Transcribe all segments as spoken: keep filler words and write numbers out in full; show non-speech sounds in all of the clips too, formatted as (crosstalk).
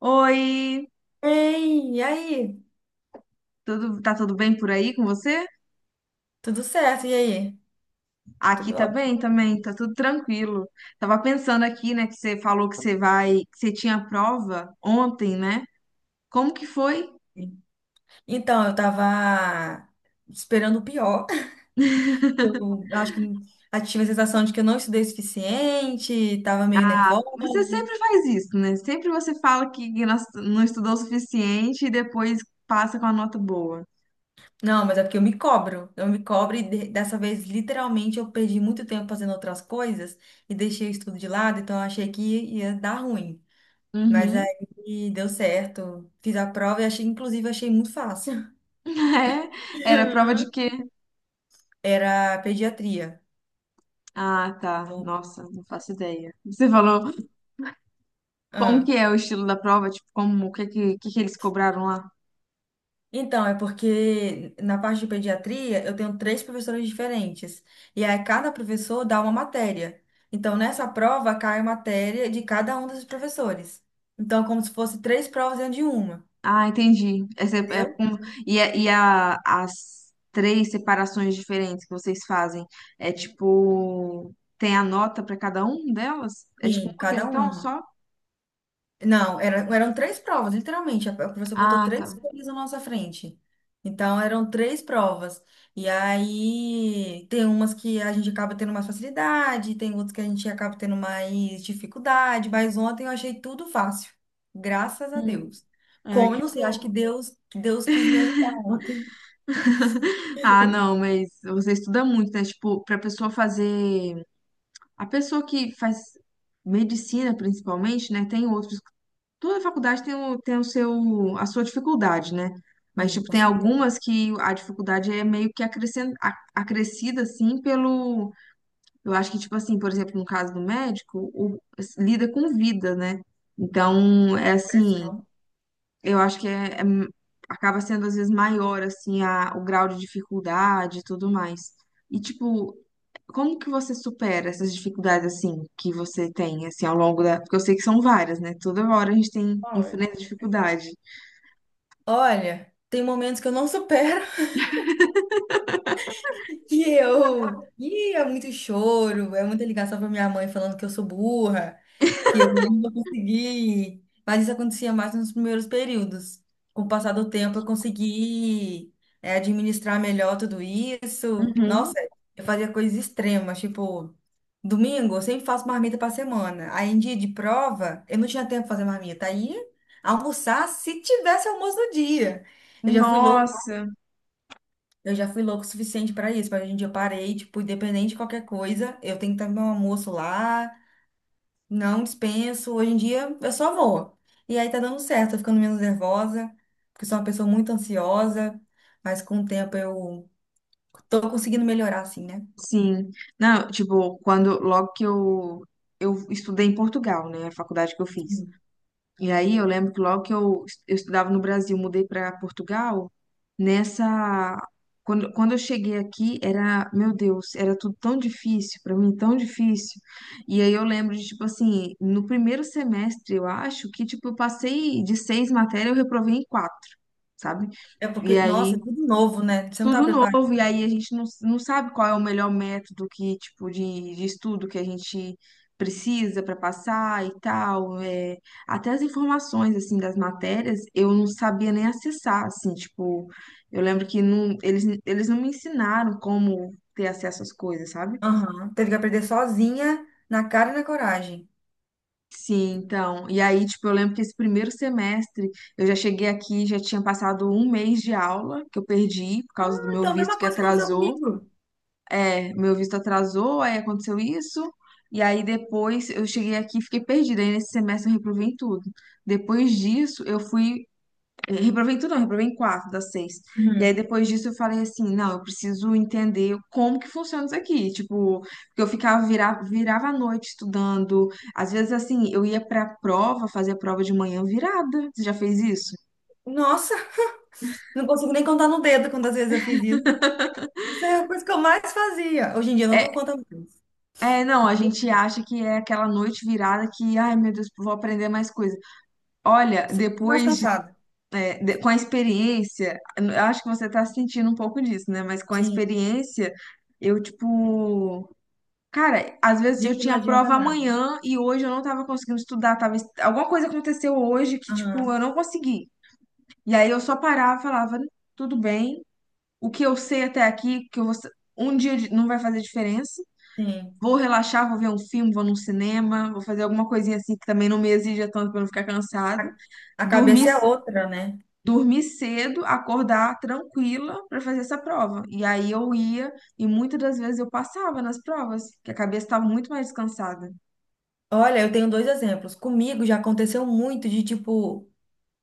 Oi, Ei, e aí? tudo, tá tudo bem por aí com você? Tudo certo, e aí? Aqui Tudo tá bem ótimo. também, tá tudo tranquilo. Tava pensando aqui, né, que você falou que você vai, que você tinha prova ontem, né? Como que foi? Então, eu tava esperando o pior. (laughs) Eu acho que eu tive a sensação de que eu não estudei o suficiente, tava meio nervosa. Você sempre faz isso, né? Sempre você fala que não não estudou o suficiente e depois passa com a nota boa. Não, mas é porque eu me cobro. Eu me cobro e de- dessa vez, literalmente, eu perdi muito tempo fazendo outras coisas e deixei o estudo de lado, então eu achei que ia dar ruim. Mas Uhum. aí deu certo. Fiz a prova e achei, inclusive, achei muito fácil. (laughs) É, era prova de quê? (laughs) Era pediatria. Ah, tá. Nossa, não faço ideia. Você falou como que Ah. é o estilo da prova? Tipo, como, o que que, que que eles cobraram lá? Então, é porque na parte de pediatria eu tenho três professores diferentes. E aí cada professor dá uma matéria. Então, nessa prova cai a matéria de cada um desses professores. Então, é como se fosse três provas dentro de uma, Ah, entendi. Essa é- é entendeu? com- e a- e a- As três separações diferentes que vocês fazem, é tipo, tem a nota para cada um delas? É tipo Sim, uma cada questão uma. só? Não, era- eram três provas, literalmente. A a professora botou Ah, tá. três folhas na nossa frente. Então, eram três provas. E aí, tem umas que a gente acaba tendo mais facilidade, tem outras que a gente acaba tendo mais dificuldade, mas ontem eu achei tudo fácil. Graças a Hum. Deus. Ai, Como, eu que não sei, acho que bom. Deus, Deus quis me ajudar ontem. (laughs) Ah, não, mas você estuda muito, né? Tipo, para pessoa fazer, a pessoa que faz medicina principalmente, né? Tem outros Toda faculdade tem o, tem o seu, a sua dificuldade, né? Mas, Sim, tipo, com tem certeza. algumas que a dificuldade é meio que acrescen- a- acrescida, assim, pelo. Eu acho que, tipo assim, por exemplo, no caso do médico, o, lida com vida, né? Então, é A assim, pressão. eu acho que é, é- acaba sendo, às vezes, maior, assim, a, o grau de dificuldade e tudo mais. E, tipo, como que você supera essas dificuldades assim que você tem assim ao longo da, porque eu sei que são várias, né? Toda hora a gente tem enfrenta dificuldade. Olha, tem momentos que eu não supero. (laughs) E eu, e é muito choro, é muita ligação pra minha mãe falando que eu sou burra, que eu não vou conseguir. Mas isso acontecia mais nos primeiros períodos. Com o passar do tempo, eu consegui, é, administrar melhor tudo isso. Nossa, Uhum. eu fazia coisas extremas, tipo, domingo eu sempre faço marmita pra semana. Aí em dia de prova, eu não tinha tempo pra fazer marmita. Aí almoçar se tivesse almoço no dia. Eu já fui louca Nossa, eu já fui louco o suficiente pra isso, mas hoje em dia eu parei, tipo, independente de qualquer coisa, eu tenho que estar no meu almoço lá, não dispenso. Hoje em dia eu só vou. E aí tá dando certo, tô ficando menos nervosa, porque sou uma pessoa muito ansiosa, mas com o tempo eu tô conseguindo melhorar, assim, né? sim. Não, tipo, quando logo que eu eu estudei em Portugal, né? A faculdade que eu fiz. Sim. E aí eu lembro que logo que eu, eu estudava no Brasil, mudei para Portugal, nessa. Quando, quando eu cheguei aqui, era, meu Deus, era tudo tão difícil, para mim tão difícil. E aí eu lembro de, tipo assim, no primeiro semestre, eu acho que, tipo, eu passei de seis matérias, eu reprovei em quatro, sabe? É E porque, aí nossa, é tudo novo, né? Você não tá tudo preparado. novo, e aí a gente não, não sabe qual é o melhor método que, tipo, de, de estudo que a gente precisa para passar e tal. É. Até as informações, assim, das matérias, eu não sabia nem acessar, assim, tipo, eu lembro que não, eles, eles não me ensinaram como ter acesso às coisas, sabe? Aham. Teve que aprender sozinha, na cara e na coragem. Sim, então, e aí, tipo, eu lembro que esse primeiro semestre eu já cheguei aqui, já tinha passado um mês de aula que eu perdi por causa do meu Então, a visto mesma que coisa aconteceu atrasou. comigo. É, meu visto atrasou, aí aconteceu isso, e aí depois eu cheguei aqui e fiquei perdida. Aí nesse semestre eu reprovei em tudo. Depois disso, eu fui. eh, Reprovei em tudo, não, reprovei em quatro das seis. E aí Uhum. depois disso eu falei assim: não, eu preciso entender como que funciona isso aqui. Tipo, porque eu ficava, virava, virava a noite estudando. Às vezes, assim, eu ia pra prova, fazia prova de manhã virada. Você já fez isso? Nossa, não consigo nem contar no dedo quantas vezes eu fiz isso. Isso é a coisa que eu mais fazia. Hoje em dia eu não dou É, conta mais. é, não, a Não dou- gente acha que é aquela noite virada que, ai meu Deus, vou aprender mais coisas. Olha, Sempre mais depois, de- cansada. eh, de- com a experiência, eu acho que você tá sentindo um pouco disso, né? Mas com a Sim, experiência, eu, tipo, cara, às vezes dia eu que não tinha adianta prova nada. amanhã e hoje eu não tava conseguindo estudar, tava, es- alguma coisa aconteceu hoje que, tipo, eu Aham, não consegui. E aí eu só parava e falava, tudo bem, o que eu sei até aqui, que eu vou, sa- um dia de- não vai fazer diferença. sim. Vou relaxar, vou ver um filme, vou num cinema, vou fazer alguma coisinha assim que também não me exija tanto pra eu não ficar cansada. A, a Dormir cabeça é outra, né? dormir cedo, acordar tranquila para fazer essa prova. E aí eu ia e muitas das vezes eu passava nas provas, que a cabeça estava muito mais descansada. Olha, eu tenho dois exemplos. Comigo já aconteceu muito de tipo.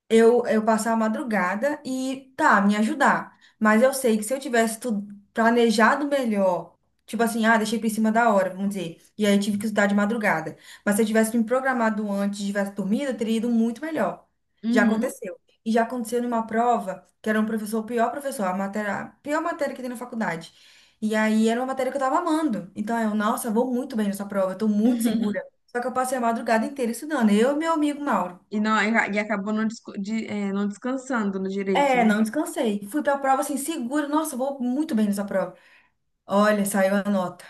eu, eu passar a madrugada e tá, me ajudar. Mas eu sei que se eu tivesse tu- planejado melhor, tipo assim, ah, deixei por cima da hora, vamos dizer, e aí tive que estudar de madrugada. Mas se eu tivesse me programado antes, tivesse dormido, eu teria ido muito melhor. Já Uhum. aconteceu. E já aconteceu numa prova, que era um professor, o pior professor, a matéria, a pior matéria que tem na faculdade. E aí era uma matéria que eu tava amando. Então eu, nossa, vou muito bem nessa prova, eu tô muito segura. (laughs) Só que eu passei a madrugada inteira estudando, eu e meu amigo Mauro. E não, e acabou não, desco- de- é, não descansando no direito, É, né? não descansei. Fui pra prova assim, seguro. Nossa, eu vou muito bem nessa prova. Olha, saiu a nota.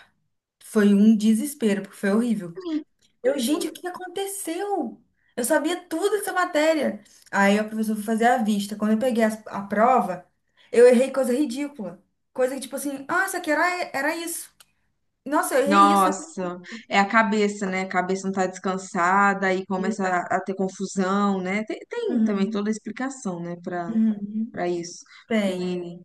Foi um desespero, porque foi horrível. Eu, gente, o que aconteceu? Eu sabia tudo dessa matéria. Aí a professora foi fazer a vista. Quando eu peguei as- a, prova, eu errei coisa ridícula. Coisa que, tipo assim, ah, isso aqui era, era isso. Nossa, eu errei isso na Nossa, é a cabeça, né? A cabeça não tá descansada e começa pesquisa. a, a ter confusão, né? Tem, tem também Uhum, toda a explicação, né, para uhum, uhum. para isso. Tem. E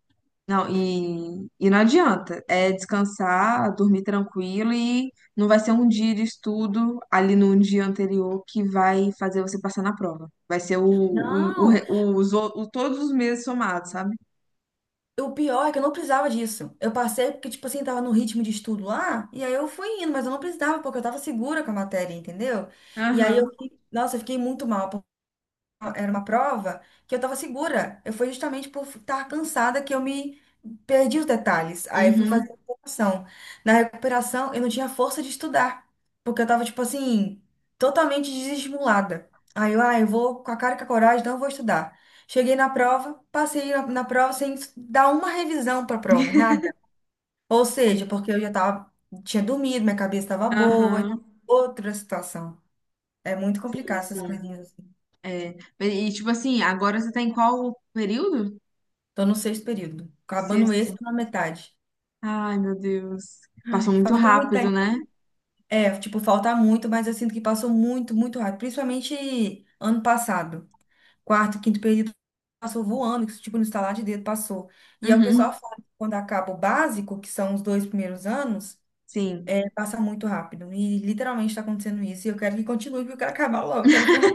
não, e, e não adianta. É descansar, dormir tranquilo e não vai ser um dia de estudo ali no dia anterior que vai fazer você passar na prova. Vai ser o, o, o, Não. re- os, o- o- todos os meses somados, sabe? O pior é que eu não precisava disso. Eu passei porque, tipo assim, tava no ritmo de estudo lá, e aí eu fui indo, mas eu não precisava, porque eu tava segura com a matéria, entendeu? E aí eu Aham, fiquei, nossa, eu fiquei muito mal, era uma prova que eu tava segura. Eu fui justamente por estar cansada que eu me perdi os detalhes. Aí eu fui uhum, fazer recuperação. Na recuperação, eu não tinha força de estudar, porque eu tava, tipo assim, totalmente desestimulada. Aí eu, ah, eu vou com a cara e com a coragem, não vou estudar. Cheguei na prova, passei na, na prova sem dar uma revisão para a prova, nada. Ou seja, porque eu já tava, tinha dormido, minha cabeça estava boa, aham. outra situação. É muito Sim, complicado essas sim. coisinhas, assim. É. E tipo assim, agora você tá em qual período? Tô no sexto período. Acabando Sexto. esse, tô na metade. Ai, meu Deus. Passou Ai, muito falta muito rápido, tempo. né? É, tipo, falta muito, mas eu sinto que passou muito, muito rápido. Principalmente ano passado. Quarto, quinto período passou voando, que, tipo, no estalar de dedo passou. E aí o que o Uhum, pessoal fala que quando acaba o básico, que são os dois primeiros anos, sim. é, passa muito rápido. E literalmente está acontecendo isso. E eu quero que continue, porque eu quero acabar logo, quero formar,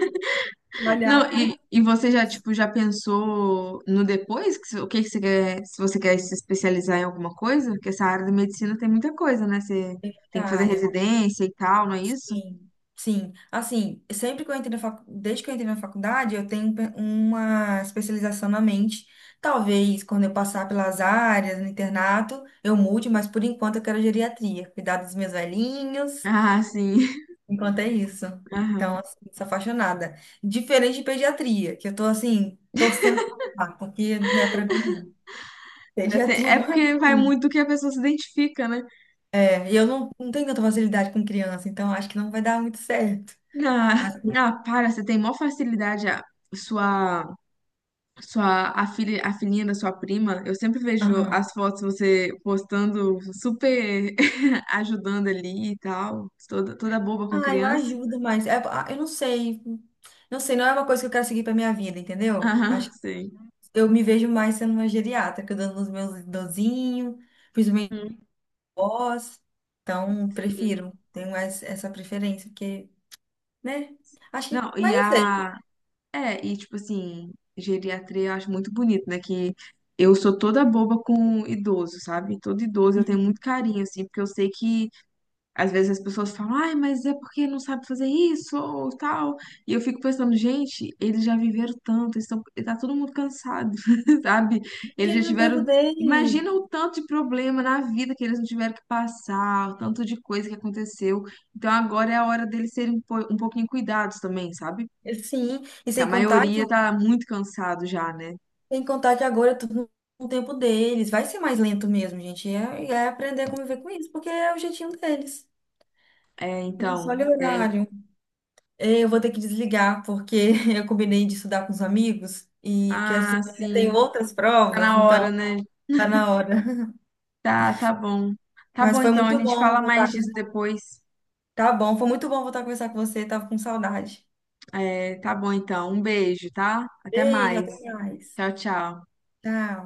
Não, trabalhar. e, e você já, tipo, já pensou no depois? Que, se- o que que você quer, se você quer se especializar em alguma coisa? Porque essa área da medicina tem muita coisa, né? Você tem Da que fazer área. residência e tal, não é isso? Sim, sim. Assim, sempre que eu entrei na fac... Desde que eu entrei na faculdade, eu tenho pe- uma especialização na mente. Talvez quando eu passar pelas áreas, no internato, eu mude, mas por enquanto eu quero geriatria, cuidar dos meus velhinhos, Ah, sim. (laughs) enquanto é isso. Então, Aham. assim, sou apaixonada. Diferente de pediatria, que eu tô assim, torcendo pra passar, porque não é pra mim, não. Até- Pediatria (laughs) É não é porque pra vai mim. muito do que a pessoa se identifica, né? É, e eu não, não tenho tanta facilidade com criança, então acho que não vai dar muito certo. Mas, Ah, ah, para, você tem maior facilidade a sua. Sua, a filha, a filhinha da sua prima, eu sempre vejo aham. as fotos você postando, super (laughs) ajudando ali e tal, toda, toda boba com Ah, eu criança. ajudo, mas é- ah, eu não sei. Não sei, não é uma coisa que eu quero seguir pra minha vida, entendeu? Aham, Acho que sei. eu me vejo mais sendo uma geriatra, cuidando dos meus idosinhos, principalmente Hum. avós. Então, Sim. prefiro. Tenho mais essa preferência, porque, né? Acho Não, que, e mas não sei. a. É, e tipo assim, geriatria eu acho muito bonito, né? Que eu sou toda boba com idoso, sabe? Todo idoso eu tenho muito carinho, assim, porque eu sei que às vezes as pessoas falam, ai, mas é porque não sabe fazer isso ou tal. E eu fico pensando, gente, eles já viveram tanto, estão, tá todo mundo cansado, (laughs) sabe? Eles Deixa já ele no tempo tiveram. dele. Imagina o tanto de problema na vida que eles não tiveram que passar, o tanto de coisa que aconteceu. Então agora é a hora deles serem um po- um pouquinho cuidados também, sabe? Sim, e A sem contar maioria que, tá muito cansado já, né? sem contar que agora é tudo no tempo deles. Vai ser mais lento mesmo, gente. É, é aprender a conviver com isso, porque é o jeitinho deles. É, Não só então, olha o é. horário. É, eu vou ter que desligar, porque (laughs) eu combinei de estudar com os amigos e que essa Ah, semana eu sim, tenho outras tá provas, na hora, então né? tá na hora. (laughs) Tá, tá bom. Tá Mas bom, foi então, a muito gente bom fala mais voltar. disso Com- depois. Tá bom, foi muito bom voltar a conversar com você, tava com saudade. É, tá bom então. Um beijo, tá? Até Beijo, mais. até mais. Tchau, tchau. Tchau.